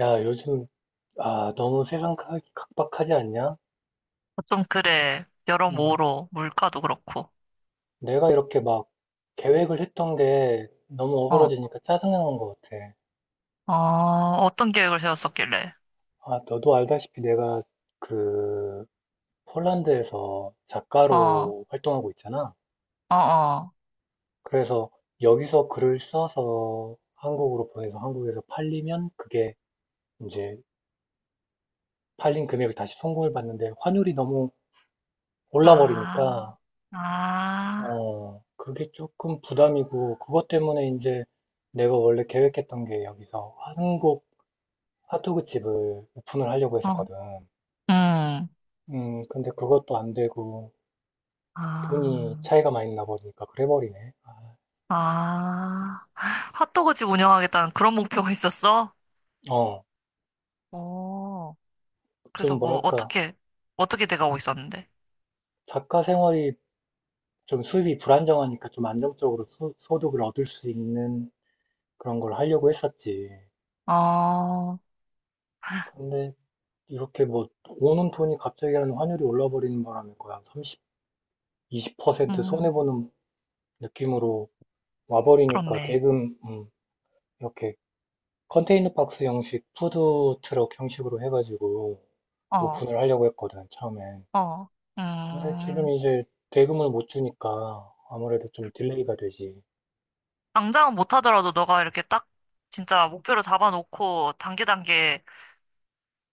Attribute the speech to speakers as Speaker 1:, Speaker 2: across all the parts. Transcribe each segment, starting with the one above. Speaker 1: 야, 요즘, 아, 너무 세상 각박하지 않냐?
Speaker 2: 좀 그래.
Speaker 1: 음,
Speaker 2: 여러모로 물가도 그렇고.
Speaker 1: 내가 이렇게 막 계획을 했던 게 너무
Speaker 2: 어,
Speaker 1: 어그러지니까 짜증나는 것 같아.
Speaker 2: 어, 어떤 계획을 세웠었길래?
Speaker 1: 아, 너도 알다시피 내가 그 폴란드에서
Speaker 2: 어, 어,
Speaker 1: 작가로 활동하고 있잖아.
Speaker 2: 어.
Speaker 1: 그래서 여기서 글을 써서 한국으로 보내서 한국에서 팔리면 그게 이제 팔린 금액을 다시 송금을 받는데 환율이 너무 올라
Speaker 2: 아,
Speaker 1: 버리니까
Speaker 2: 아,
Speaker 1: 어, 그게 조금 부담이고, 그것 때문에 이제 내가 원래 계획했던 게 여기서 한국 핫도그 집을 오픈을 하려고
Speaker 2: 어,
Speaker 1: 했었거든.
Speaker 2: 음,
Speaker 1: 근데 그것도 안 되고, 돈이
Speaker 2: 아,
Speaker 1: 차이가 많이 나 버리니까 그래버리네. 아,
Speaker 2: 아. 핫도그집 운영하겠다는 그런 목표가 있었어?
Speaker 1: 어,
Speaker 2: 오, 그래서
Speaker 1: 좀
Speaker 2: 뭐,
Speaker 1: 뭐랄까,
Speaker 2: 어떻게, 어떻게 돼가고 있었는데?
Speaker 1: 작가 생활이 좀 수입이 불안정하니까 좀 안정적으로 소득을 얻을 수 있는 그런 걸 하려고 했었지.
Speaker 2: 어,
Speaker 1: 근데 이렇게 뭐, 오는 돈이 갑자기 하는 환율이 올라 버리는 바람에 거의 한 삼십, 이십 퍼센트
Speaker 2: 음,
Speaker 1: 손해보는 느낌으로 와버리니까
Speaker 2: 그렇네.
Speaker 1: 대금 이렇게 컨테이너 박스 형식, 푸드 트럭 형식으로 해가지고
Speaker 2: 어,
Speaker 1: 오픈을 하려고 했거든, 처음엔.
Speaker 2: 어,
Speaker 1: 근데 지금
Speaker 2: 음.
Speaker 1: 이제 대금을 못 주니까 아무래도 좀 딜레이가 되지.
Speaker 2: 당장은 못하더라도 너가 이렇게 딱 진짜 목표를 잡아놓고 단계 단계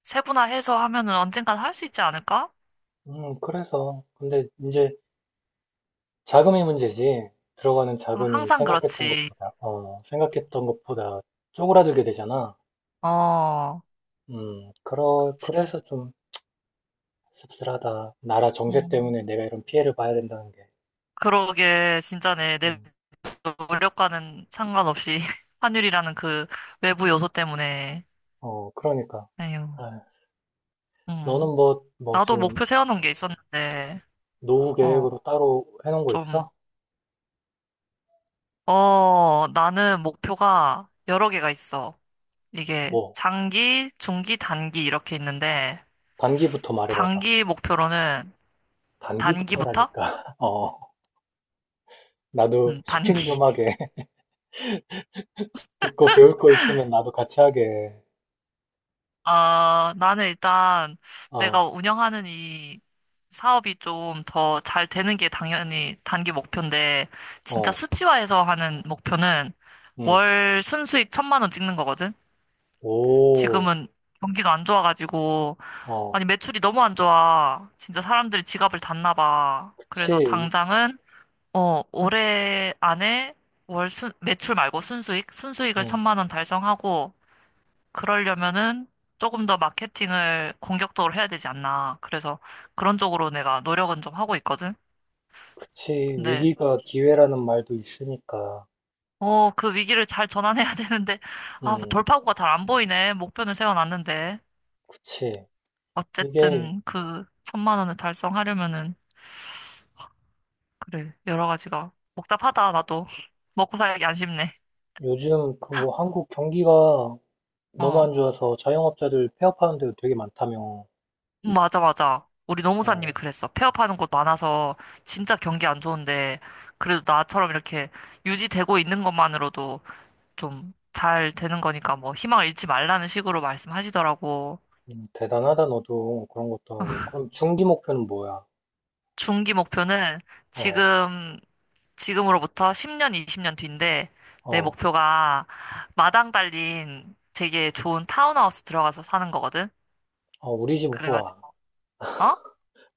Speaker 2: 세분화해서 하면은 언젠간 할 수 있지 않을까?
Speaker 1: 그래서 근데 이제 자금이 문제지. 들어가는
Speaker 2: 어,
Speaker 1: 자금이
Speaker 2: 항상
Speaker 1: 생각했던
Speaker 2: 그렇지.
Speaker 1: 것보다 어, 생각했던 것보다 쪼그라들게 되잖아.
Speaker 2: 어,
Speaker 1: 그러,
Speaker 2: 그치.
Speaker 1: 그래서 좀 씁쓸하다. 나라 정세 때문에
Speaker 2: 음.
Speaker 1: 내가 이런 피해를 봐야 된다는 게.
Speaker 2: 그러게 진짜네. 내
Speaker 1: 음.
Speaker 2: 노력과는 상관없이 환율이라는 그 외부 요소 때문에.
Speaker 1: 어, 그러니까.
Speaker 2: 에휴.
Speaker 1: 아, 너는
Speaker 2: 음.
Speaker 1: 뭐, 뭐
Speaker 2: 나도
Speaker 1: 지금
Speaker 2: 목표 세워놓은 게 있었는데,
Speaker 1: 노후
Speaker 2: 어,
Speaker 1: 계획으로 따로 해놓은 거
Speaker 2: 좀,
Speaker 1: 있어?
Speaker 2: 어, 나는 목표가 여러 개가 있어. 이게
Speaker 1: 뭐,
Speaker 2: 장기, 중기, 단기 이렇게 있는데,
Speaker 1: 단기부터 말해봐봐.
Speaker 2: 장기 목표로는 단기부터?
Speaker 1: 단기부터라니까. 어, 나도
Speaker 2: 단기.
Speaker 1: 슈킹 좀 하게. 듣고 배울 거 있으면 나도 같이 하게.
Speaker 2: 아, 나는 일단
Speaker 1: 어,
Speaker 2: 내가 운영하는 이 사업이 좀 더 잘 되는 게 당연히 단기 목표인데, 진짜
Speaker 1: 어,
Speaker 2: 수치화해서 하는 목표는
Speaker 1: 응.
Speaker 2: 월 순수익 1,000만 원 찍는 거거든?
Speaker 1: 오,
Speaker 2: 지금은 경기가 안 좋아가지고,
Speaker 1: 어,
Speaker 2: 아니, 매출이 너무 안 좋아. 진짜 사람들이 지갑을 닫나 봐. 그래서
Speaker 1: 그치.
Speaker 2: 당장은 어, 올해 안에 매출 말고 순수익을
Speaker 1: 응,
Speaker 2: 1,000만 원 달성하고, 그러려면은 조금 더 마케팅을 공격적으로 해야 되지 않나. 그래서 그런 쪽으로 내가 노력은 좀 하고 있거든.
Speaker 1: 그치.
Speaker 2: 근데,
Speaker 1: 위기가 기회라는 말도 있으니까.
Speaker 2: 어, 그 위기를 잘 전환해야 되는데, 아, 뭐
Speaker 1: 응,
Speaker 2: 돌파구가 잘 안 보이네. 목표는 세워놨는데.
Speaker 1: 그치. 이게
Speaker 2: 어쨌든 그 1,000만 원을 달성하려면은, 그래, 여러 가지가 복잡하다, 나도. 먹고 살기 안 쉽네.
Speaker 1: 요즘 그 뭐 한국 경기가 너무
Speaker 2: 어.
Speaker 1: 안 좋아서 자영업자들 폐업하는 데도 되게 많다며.
Speaker 2: 맞아, 맞아. 우리 노무사님이
Speaker 1: 어,
Speaker 2: 그랬어. 폐업하는 곳 많아서 진짜 경기 안 좋은데, 그래도 나처럼 이렇게 유지되고 있는 것만으로도 좀 잘 되는 거니까 뭐 희망을 잃지 말라는 식으로 말씀하시더라고.
Speaker 1: 대단하다, 너도. 그런 것도 하고. 그럼 중기 목표는 뭐야?
Speaker 2: 중기 목표는
Speaker 1: 어,
Speaker 2: 지금, 지금으로부터 10년, 20년 뒤인데, 내
Speaker 1: 어,
Speaker 2: 목표가 마당 달린 되게 좋은 타운하우스 들어가서 사는 거거든?
Speaker 1: 어, 우리 집으로 와.
Speaker 2: 그래가지고, 어?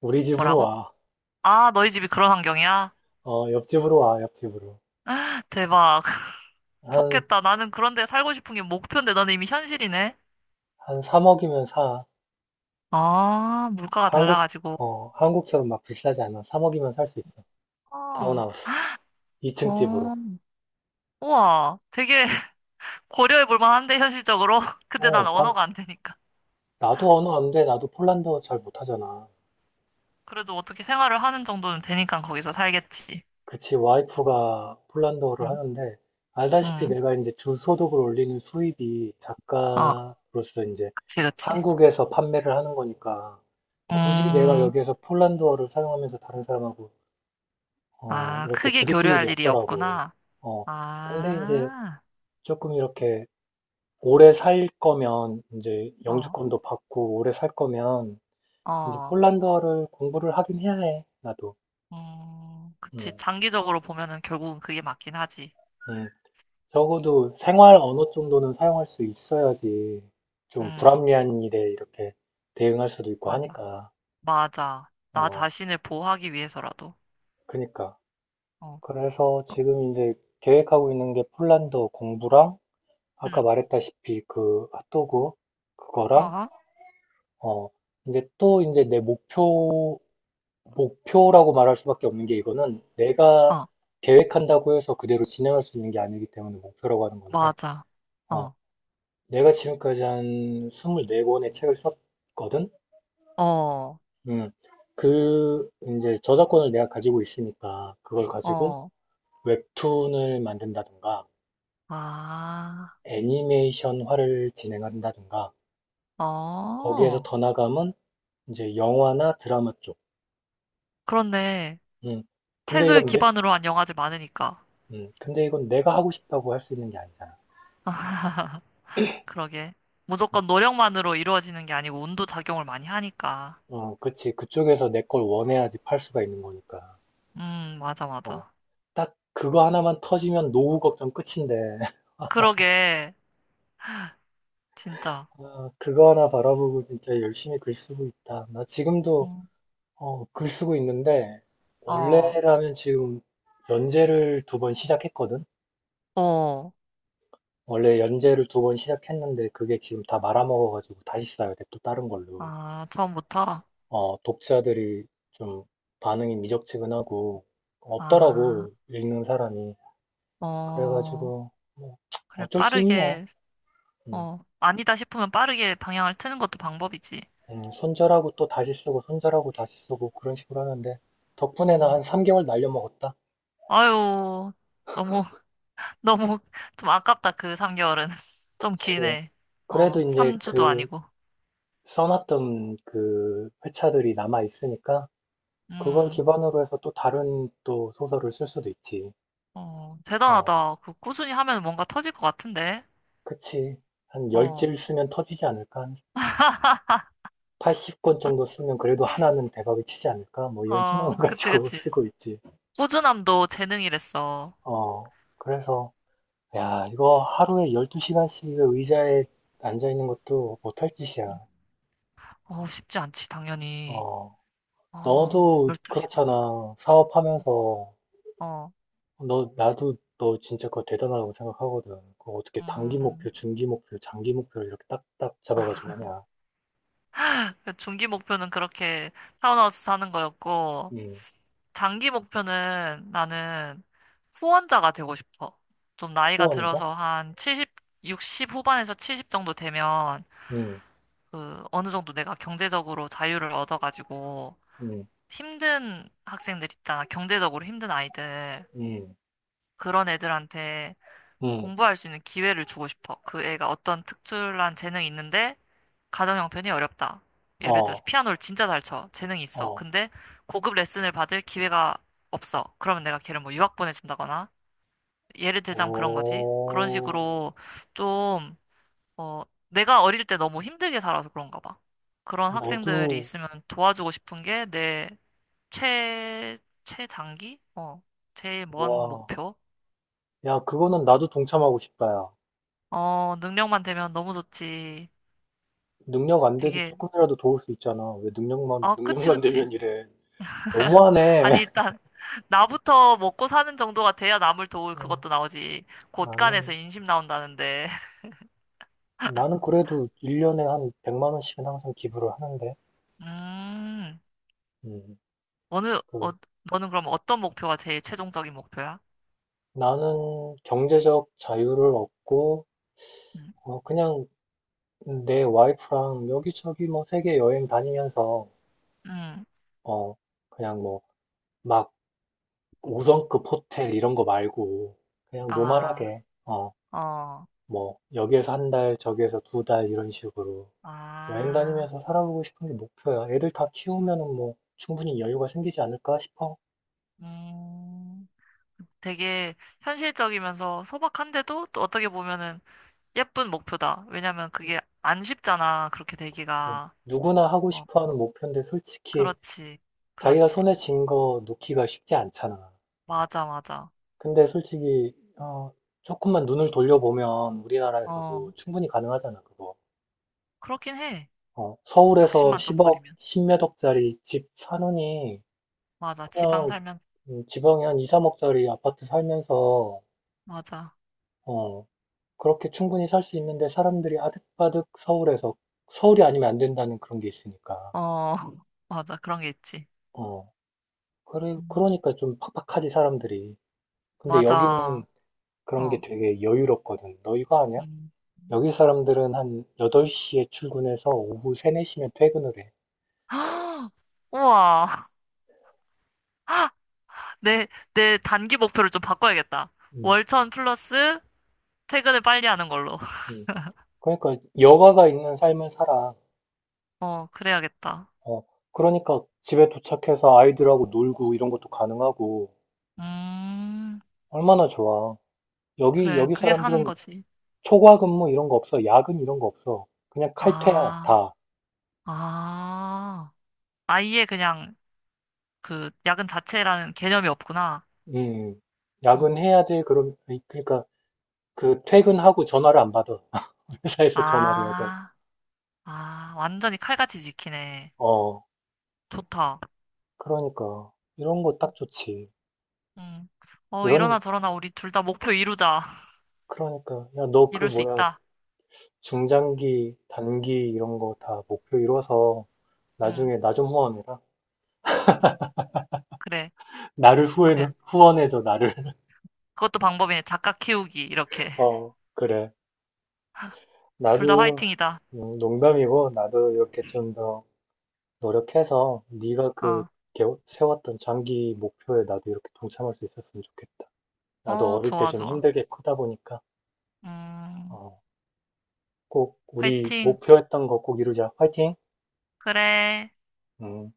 Speaker 1: 우리 집으로
Speaker 2: 뭐라고?
Speaker 1: 와.
Speaker 2: 아, 너희 집이 그런 환경이야?
Speaker 1: 어, 옆집으로 와, 옆집으로.
Speaker 2: 대박.
Speaker 1: 한,
Speaker 2: 좋겠다. 나는 그런데 살고 싶은 게 목표인데 너는 이미 현실이네.
Speaker 1: 한 3억이면 사.
Speaker 2: 아, 물가가
Speaker 1: 한국,
Speaker 2: 달라가지고.
Speaker 1: 어, 한국처럼 막 비싸지 않아. 3억이면 살 수 있어.
Speaker 2: 아,
Speaker 1: 타운하우스. 2층 집으로.
Speaker 2: 어, 우와. 되게
Speaker 1: 응.
Speaker 2: 고려해 볼 만한데, 현실적으로. 근데 난
Speaker 1: 어, 방,
Speaker 2: 언어가 안 되니까.
Speaker 1: 나도 언어 안 돼. 나도 폴란드어 잘 못하잖아.
Speaker 2: 그래도 어떻게 생활을 하는 정도는 되니까 거기서 살겠지.
Speaker 1: 그치, 와이프가 폴란드어를
Speaker 2: 응,
Speaker 1: 하는데, 알다시피
Speaker 2: 응.
Speaker 1: 내가 이제 주소득을 올리는 수입이
Speaker 2: 어,
Speaker 1: 작가로서 이제
Speaker 2: 그치, 그치.
Speaker 1: 한국에서 판매를 하는 거니까, 굳이 내가
Speaker 2: 음,
Speaker 1: 여기에서 폴란드어를 사용하면서 다른 사람하고, 어,
Speaker 2: 아,
Speaker 1: 이렇게
Speaker 2: 크게
Speaker 1: 부딪힐 일이
Speaker 2: 교류할 일이
Speaker 1: 없더라고.
Speaker 2: 없구나.
Speaker 1: 어, 근데 이제
Speaker 2: 아,
Speaker 1: 조금 이렇게 오래 살 거면, 이제
Speaker 2: 어,
Speaker 1: 영주권도 받고 오래 살 거면, 이제
Speaker 2: 어.
Speaker 1: 폴란드어를 공부를 하긴 해야 해, 나도.
Speaker 2: 그치.
Speaker 1: 음,
Speaker 2: 장기적으로 보면은 결국은 그게 맞긴 하지.
Speaker 1: 음. 적어도 생활 언어 정도는 사용할 수 있어야지 좀
Speaker 2: 음.
Speaker 1: 불합리한 일에 이렇게 대응할 수도 있고
Speaker 2: 맞아.
Speaker 1: 하니까.
Speaker 2: 맞아. 나
Speaker 1: 어,
Speaker 2: 자신을 보호하기 위해서라도.
Speaker 1: 그니까.
Speaker 2: 어,
Speaker 1: 그래서
Speaker 2: 그-
Speaker 1: 지금 이제 계획하고 있는 게 폴란드 공부랑 아까
Speaker 2: 응,
Speaker 1: 말했다시피 그 핫도그 그거랑
Speaker 2: 어,
Speaker 1: 어, 이제 또 이제 내 목표 목표라고 말할 수밖에 없는 게 이거는 내가
Speaker 2: 어,
Speaker 1: 계획한다고 해서 그대로 진행할 수 있는 게 아니기 때문에 목표라고 하는 건데
Speaker 2: 맞아.
Speaker 1: 어,
Speaker 2: 어,
Speaker 1: 내가 지금까지 한 24권의 책을 썼거든?
Speaker 2: 어,
Speaker 1: 음. 그, 이제 저작권을 내가 가지고 있으니까 그걸 가지고
Speaker 2: 어,
Speaker 1: 웹툰을 만든다든가
Speaker 2: 아,
Speaker 1: 애니메이션화를 진행한다든가 거기에서
Speaker 2: 어.
Speaker 1: 더 나가면 이제 영화나 드라마 쪽.
Speaker 2: 그런데
Speaker 1: 음. 근데
Speaker 2: 책을
Speaker 1: 이건 내,
Speaker 2: 기반으로 한 영화들 많으니까.
Speaker 1: 근데 이건 내가 하고 싶다고 할 수 있는 게 아니잖아.
Speaker 2: 그러게. 무조건 노력만으로 이루어지는 게 아니고 운도 작용을 많이 하니까.
Speaker 1: 어, 그치. 그쪽에서 내 걸 원해야지 팔 수가 있는 거니까.
Speaker 2: 맞아,
Speaker 1: 어.
Speaker 2: 맞아.
Speaker 1: 딱 그거 하나만 터지면 노후 걱정 끝인데.
Speaker 2: 그러게. 진짜.
Speaker 1: 아, 그거 하나 바라보고 진짜 열심히 글 쓰고 있다. 나 지금도
Speaker 2: 음,
Speaker 1: 어, 글 쓰고 있는데
Speaker 2: 어,
Speaker 1: 원래라면 지금 연재를 두 번 시작했거든.
Speaker 2: 어.
Speaker 1: 원래 연재를 두 번 시작했는데 그게 지금 다 말아먹어가지고 다시 써야 돼. 또 다른 걸로.
Speaker 2: 아, 처음부터?
Speaker 1: 어, 독자들이 좀 반응이 미적지근하고
Speaker 2: 아,
Speaker 1: 없더라고 읽는 사람이.
Speaker 2: 어.
Speaker 1: 그래가지고 뭐
Speaker 2: 그래,
Speaker 1: 어쩔 수 있냐.
Speaker 2: 빠르게
Speaker 1: 음.
Speaker 2: 어, 아니다 싶으면 빠르게 방향을 트는 것도 방법이지.
Speaker 1: 손절하고 또 다시 쓰고, 손절하고 다시 쓰고, 그런 식으로 하는데, 덕분에는
Speaker 2: 음,
Speaker 1: 한 3개월 날려먹었다?
Speaker 2: 아유, 너무, 너무 좀 아깝다, 그 3개월은. 좀
Speaker 1: 그치.
Speaker 2: 기네.
Speaker 1: 그래도
Speaker 2: 어,
Speaker 1: 이제
Speaker 2: 3주도
Speaker 1: 그,
Speaker 2: 아니고.
Speaker 1: 써놨던 그 회차들이 남아있으니까, 그걸
Speaker 2: 음,
Speaker 1: 기반으로 해서 또 다른 또 소설을 쓸 수도 있지.
Speaker 2: 어,
Speaker 1: 어,
Speaker 2: 대단하다. 그 꾸준히 하면 뭔가 터질 것 같은데.
Speaker 1: 그치. 한 열
Speaker 2: 어,
Speaker 1: 질 쓰면 터지지 않을까? 한 80권 정도 쓰면 그래도 하나는 대박이 치지 않을까? 뭐 이런 희망을
Speaker 2: 어, 그치,
Speaker 1: 가지고
Speaker 2: 그치.
Speaker 1: 쓰고 있지.
Speaker 2: 꾸준함도 재능이랬어.
Speaker 1: 어, 그래서, 야, 이거 하루에 12시간씩 의자에 앉아있는 것도 못할 짓이야.
Speaker 2: 음, 어, 쉽지 않지, 당연히.
Speaker 1: 어,
Speaker 2: 어,
Speaker 1: 너도
Speaker 2: 12시간.
Speaker 1: 그렇잖아. 사업하면서.
Speaker 2: 어,
Speaker 1: 나도 너 진짜 그거 대단하다고 생각하거든. 그거 어떻게 단기
Speaker 2: 음,
Speaker 1: 목표, 중기 목표, 장기 목표 이렇게 딱딱 잡아가지고 하냐.
Speaker 2: 그 중기 목표는 그렇게 타운하우스 사는 거였고,
Speaker 1: 음,
Speaker 2: 장기 목표는 나는 후원자가 되고 싶어. 좀 나이가
Speaker 1: 후원자?
Speaker 2: 들어서 한 칠십 60 후반에서 70 정도 되면
Speaker 1: 음,
Speaker 2: 그 어느 정도 내가 경제적으로 자유를 얻어가지고
Speaker 1: 음,
Speaker 2: 힘든 학생들 있잖아. 경제적으로 힘든 아이들.
Speaker 1: 음,
Speaker 2: 그런 애들한테
Speaker 1: 음,
Speaker 2: 공부할 수 있는 기회를 주고 싶어. 그 애가 어떤 특출난 재능이 있는데 가정 형편이 어렵다. 예를
Speaker 1: 어,
Speaker 2: 들어서 피아노를 진짜 잘 쳐. 재능이 있어.
Speaker 1: 어,
Speaker 2: 근데 고급 레슨을 받을 기회가 없어. 그러면 내가 걔를 뭐 유학 보내준다거나 예를 들자면 그런 거지. 그런 식으로
Speaker 1: 오,
Speaker 2: 좀, 어, 내가 어릴 때 너무 힘들게 살아서 그런가 봐. 그런 학생들이
Speaker 1: 너도,
Speaker 2: 있으면 도와주고 싶은 게 내 최, 최장기? 어, 제일 먼
Speaker 1: 와.
Speaker 2: 목표?
Speaker 1: 야, 그거는 나도 동참하고 싶다, 야.
Speaker 2: 어, 능력만 되면 너무 좋지.
Speaker 1: 능력 안 돼도
Speaker 2: 되게,
Speaker 1: 조금이라도 도울 수 있잖아. 왜 능력만,
Speaker 2: 아, 그치,
Speaker 1: 능력만
Speaker 2: 그치.
Speaker 1: 되면 이래. 너무하네.
Speaker 2: 아니, 일단, 나부터 먹고 사는 정도가 돼야 남을 도울
Speaker 1: 어,
Speaker 2: 그것도 나오지. 곳간에서
Speaker 1: 나는,
Speaker 2: 인심 나온다는데.
Speaker 1: 나는 그래도 1년에 한 100만 원씩은 항상 기부를 하는데,
Speaker 2: 음,
Speaker 1: 음,
Speaker 2: 어느, 어,
Speaker 1: 그,
Speaker 2: 너는 그럼 어떤 목표가 제일 최종적인 목표야?
Speaker 1: 나는 경제적 자유를 얻고,
Speaker 2: 음,
Speaker 1: 어, 그냥 내 와이프랑 여기저기 뭐 세계 여행 다니면서,
Speaker 2: 음,
Speaker 1: 어, 그냥 뭐, 막 5성급 호텔 이런 거 말고, 그냥
Speaker 2: 아,
Speaker 1: 노멀하게, 어,
Speaker 2: 어,
Speaker 1: 뭐, 여기에서 한 달, 저기에서 두 달 이런 식으로. 여행
Speaker 2: 아,
Speaker 1: 다니면서 살아보고 싶은 게 목표야. 애들 다 키우면은 뭐 충분히 여유가 생기지 않을까 싶어.
Speaker 2: 음, 되게 현실적이면서 소박한데도 또 어떻게 보면은 예쁜 목표다. 왜냐면 그게 안 쉽잖아. 그렇게
Speaker 1: 그치.
Speaker 2: 되기가.
Speaker 1: 누구나 하고
Speaker 2: 어,
Speaker 1: 싶어 하는 목표인데 솔직히
Speaker 2: 그렇지.
Speaker 1: 자기가 손에
Speaker 2: 그렇지.
Speaker 1: 쥔거 놓기가 쉽지 않잖아.
Speaker 2: 맞아, 맞아.
Speaker 1: 근데 솔직히, 어, 조금만 눈을 돌려보면
Speaker 2: 어,
Speaker 1: 우리나라에서도 충분히 가능하잖아, 그거.
Speaker 2: 그렇긴 해.
Speaker 1: 어, 서울에서
Speaker 2: 욕심만 좀
Speaker 1: 10억,
Speaker 2: 버리면.
Speaker 1: 10몇 억짜리 집 사느니
Speaker 2: 맞아.
Speaker 1: 그냥
Speaker 2: 지방 살면,
Speaker 1: 지방에 한 2, 3억짜리 아파트 살면서
Speaker 2: 맞아.
Speaker 1: 어, 그렇게 충분히 살 수 있는데 사람들이 아득바득 서울에서 서울이 아니면 안 된다는 그런 게 있으니까.
Speaker 2: 어, 맞아. 그런 게 있지.
Speaker 1: 어. 그래
Speaker 2: 음,
Speaker 1: 그러니까 좀 팍팍하지 사람들이. 근데 여기는
Speaker 2: 맞아.
Speaker 1: 그런 게
Speaker 2: 어,
Speaker 1: 되게 여유롭거든. 너 이거 아냐?
Speaker 2: 음.
Speaker 1: 여기 사람들은 한 8시에 출근해서 오후 3, 4시면 퇴근을 해.
Speaker 2: 우와. 내, 내 단기 목표를 좀 바꿔야겠다.
Speaker 1: 음,
Speaker 2: 월천 플러스 퇴근을 빨리 하는 걸로.
Speaker 1: 음. 그러니까 여가가 있는 삶을 살아.
Speaker 2: 어, 그래야겠다.
Speaker 1: 어. 그러니까 집에 도착해서 아이들하고 놀고 이런 것도 가능하고
Speaker 2: 음,
Speaker 1: 얼마나 좋아. 여기
Speaker 2: 그래.
Speaker 1: 여기
Speaker 2: 그게 사는
Speaker 1: 사람들은
Speaker 2: 거지.
Speaker 1: 초과 근무 이런 거 없어. 야근 이런 거 없어. 그냥 칼퇴야,
Speaker 2: 아,
Speaker 1: 다.
Speaker 2: 아. 아예 그냥 그 야근 자체라는 개념이 없구나.
Speaker 1: 음,
Speaker 2: 음.
Speaker 1: 야근해야 돼. 그럼, 아니, 그러니까, 그 퇴근하고 전화를 안 받아. 회사에서 전화를 해도.
Speaker 2: 아, 아. 완전히 칼같이 지키네.
Speaker 1: 어,
Speaker 2: 좋다.
Speaker 1: 그러니까. 이런 거 딱 좋지.
Speaker 2: 응
Speaker 1: 이런,
Speaker 2: 이러나
Speaker 1: 어,
Speaker 2: 저러나 우리 둘 다 목표 이루자.
Speaker 1: 그러니까. 야, 너 그
Speaker 2: 이룰 수
Speaker 1: 뭐야,
Speaker 2: 있다.
Speaker 1: 중장기, 단기 이런 거 다 목표 이뤄서
Speaker 2: 응,
Speaker 1: 나중에 나 좀 후원해라.
Speaker 2: 응. 그래,
Speaker 1: 나를
Speaker 2: 그래야지.
Speaker 1: 후원해줘, 나를.
Speaker 2: 그것도 방법이네. 작가 키우기, 이렇게.
Speaker 1: 어, 그래.
Speaker 2: 둘 다
Speaker 1: 나도,
Speaker 2: 화이팅이다.
Speaker 1: 농담이고, 나도 이렇게 좀 더, 노력해서 네가 그
Speaker 2: 어,
Speaker 1: 세웠던 장기 목표에 나도 이렇게 동참할 수 있었으면 좋겠다. 나도
Speaker 2: 어,
Speaker 1: 어릴 때
Speaker 2: 좋아,
Speaker 1: 좀
Speaker 2: 좋아.
Speaker 1: 힘들게 크다 보니까
Speaker 2: 음,
Speaker 1: 어, 꼭 우리
Speaker 2: 화이팅.
Speaker 1: 목표했던 거 꼭 이루자. 화이팅!
Speaker 2: 그래.
Speaker 1: 음.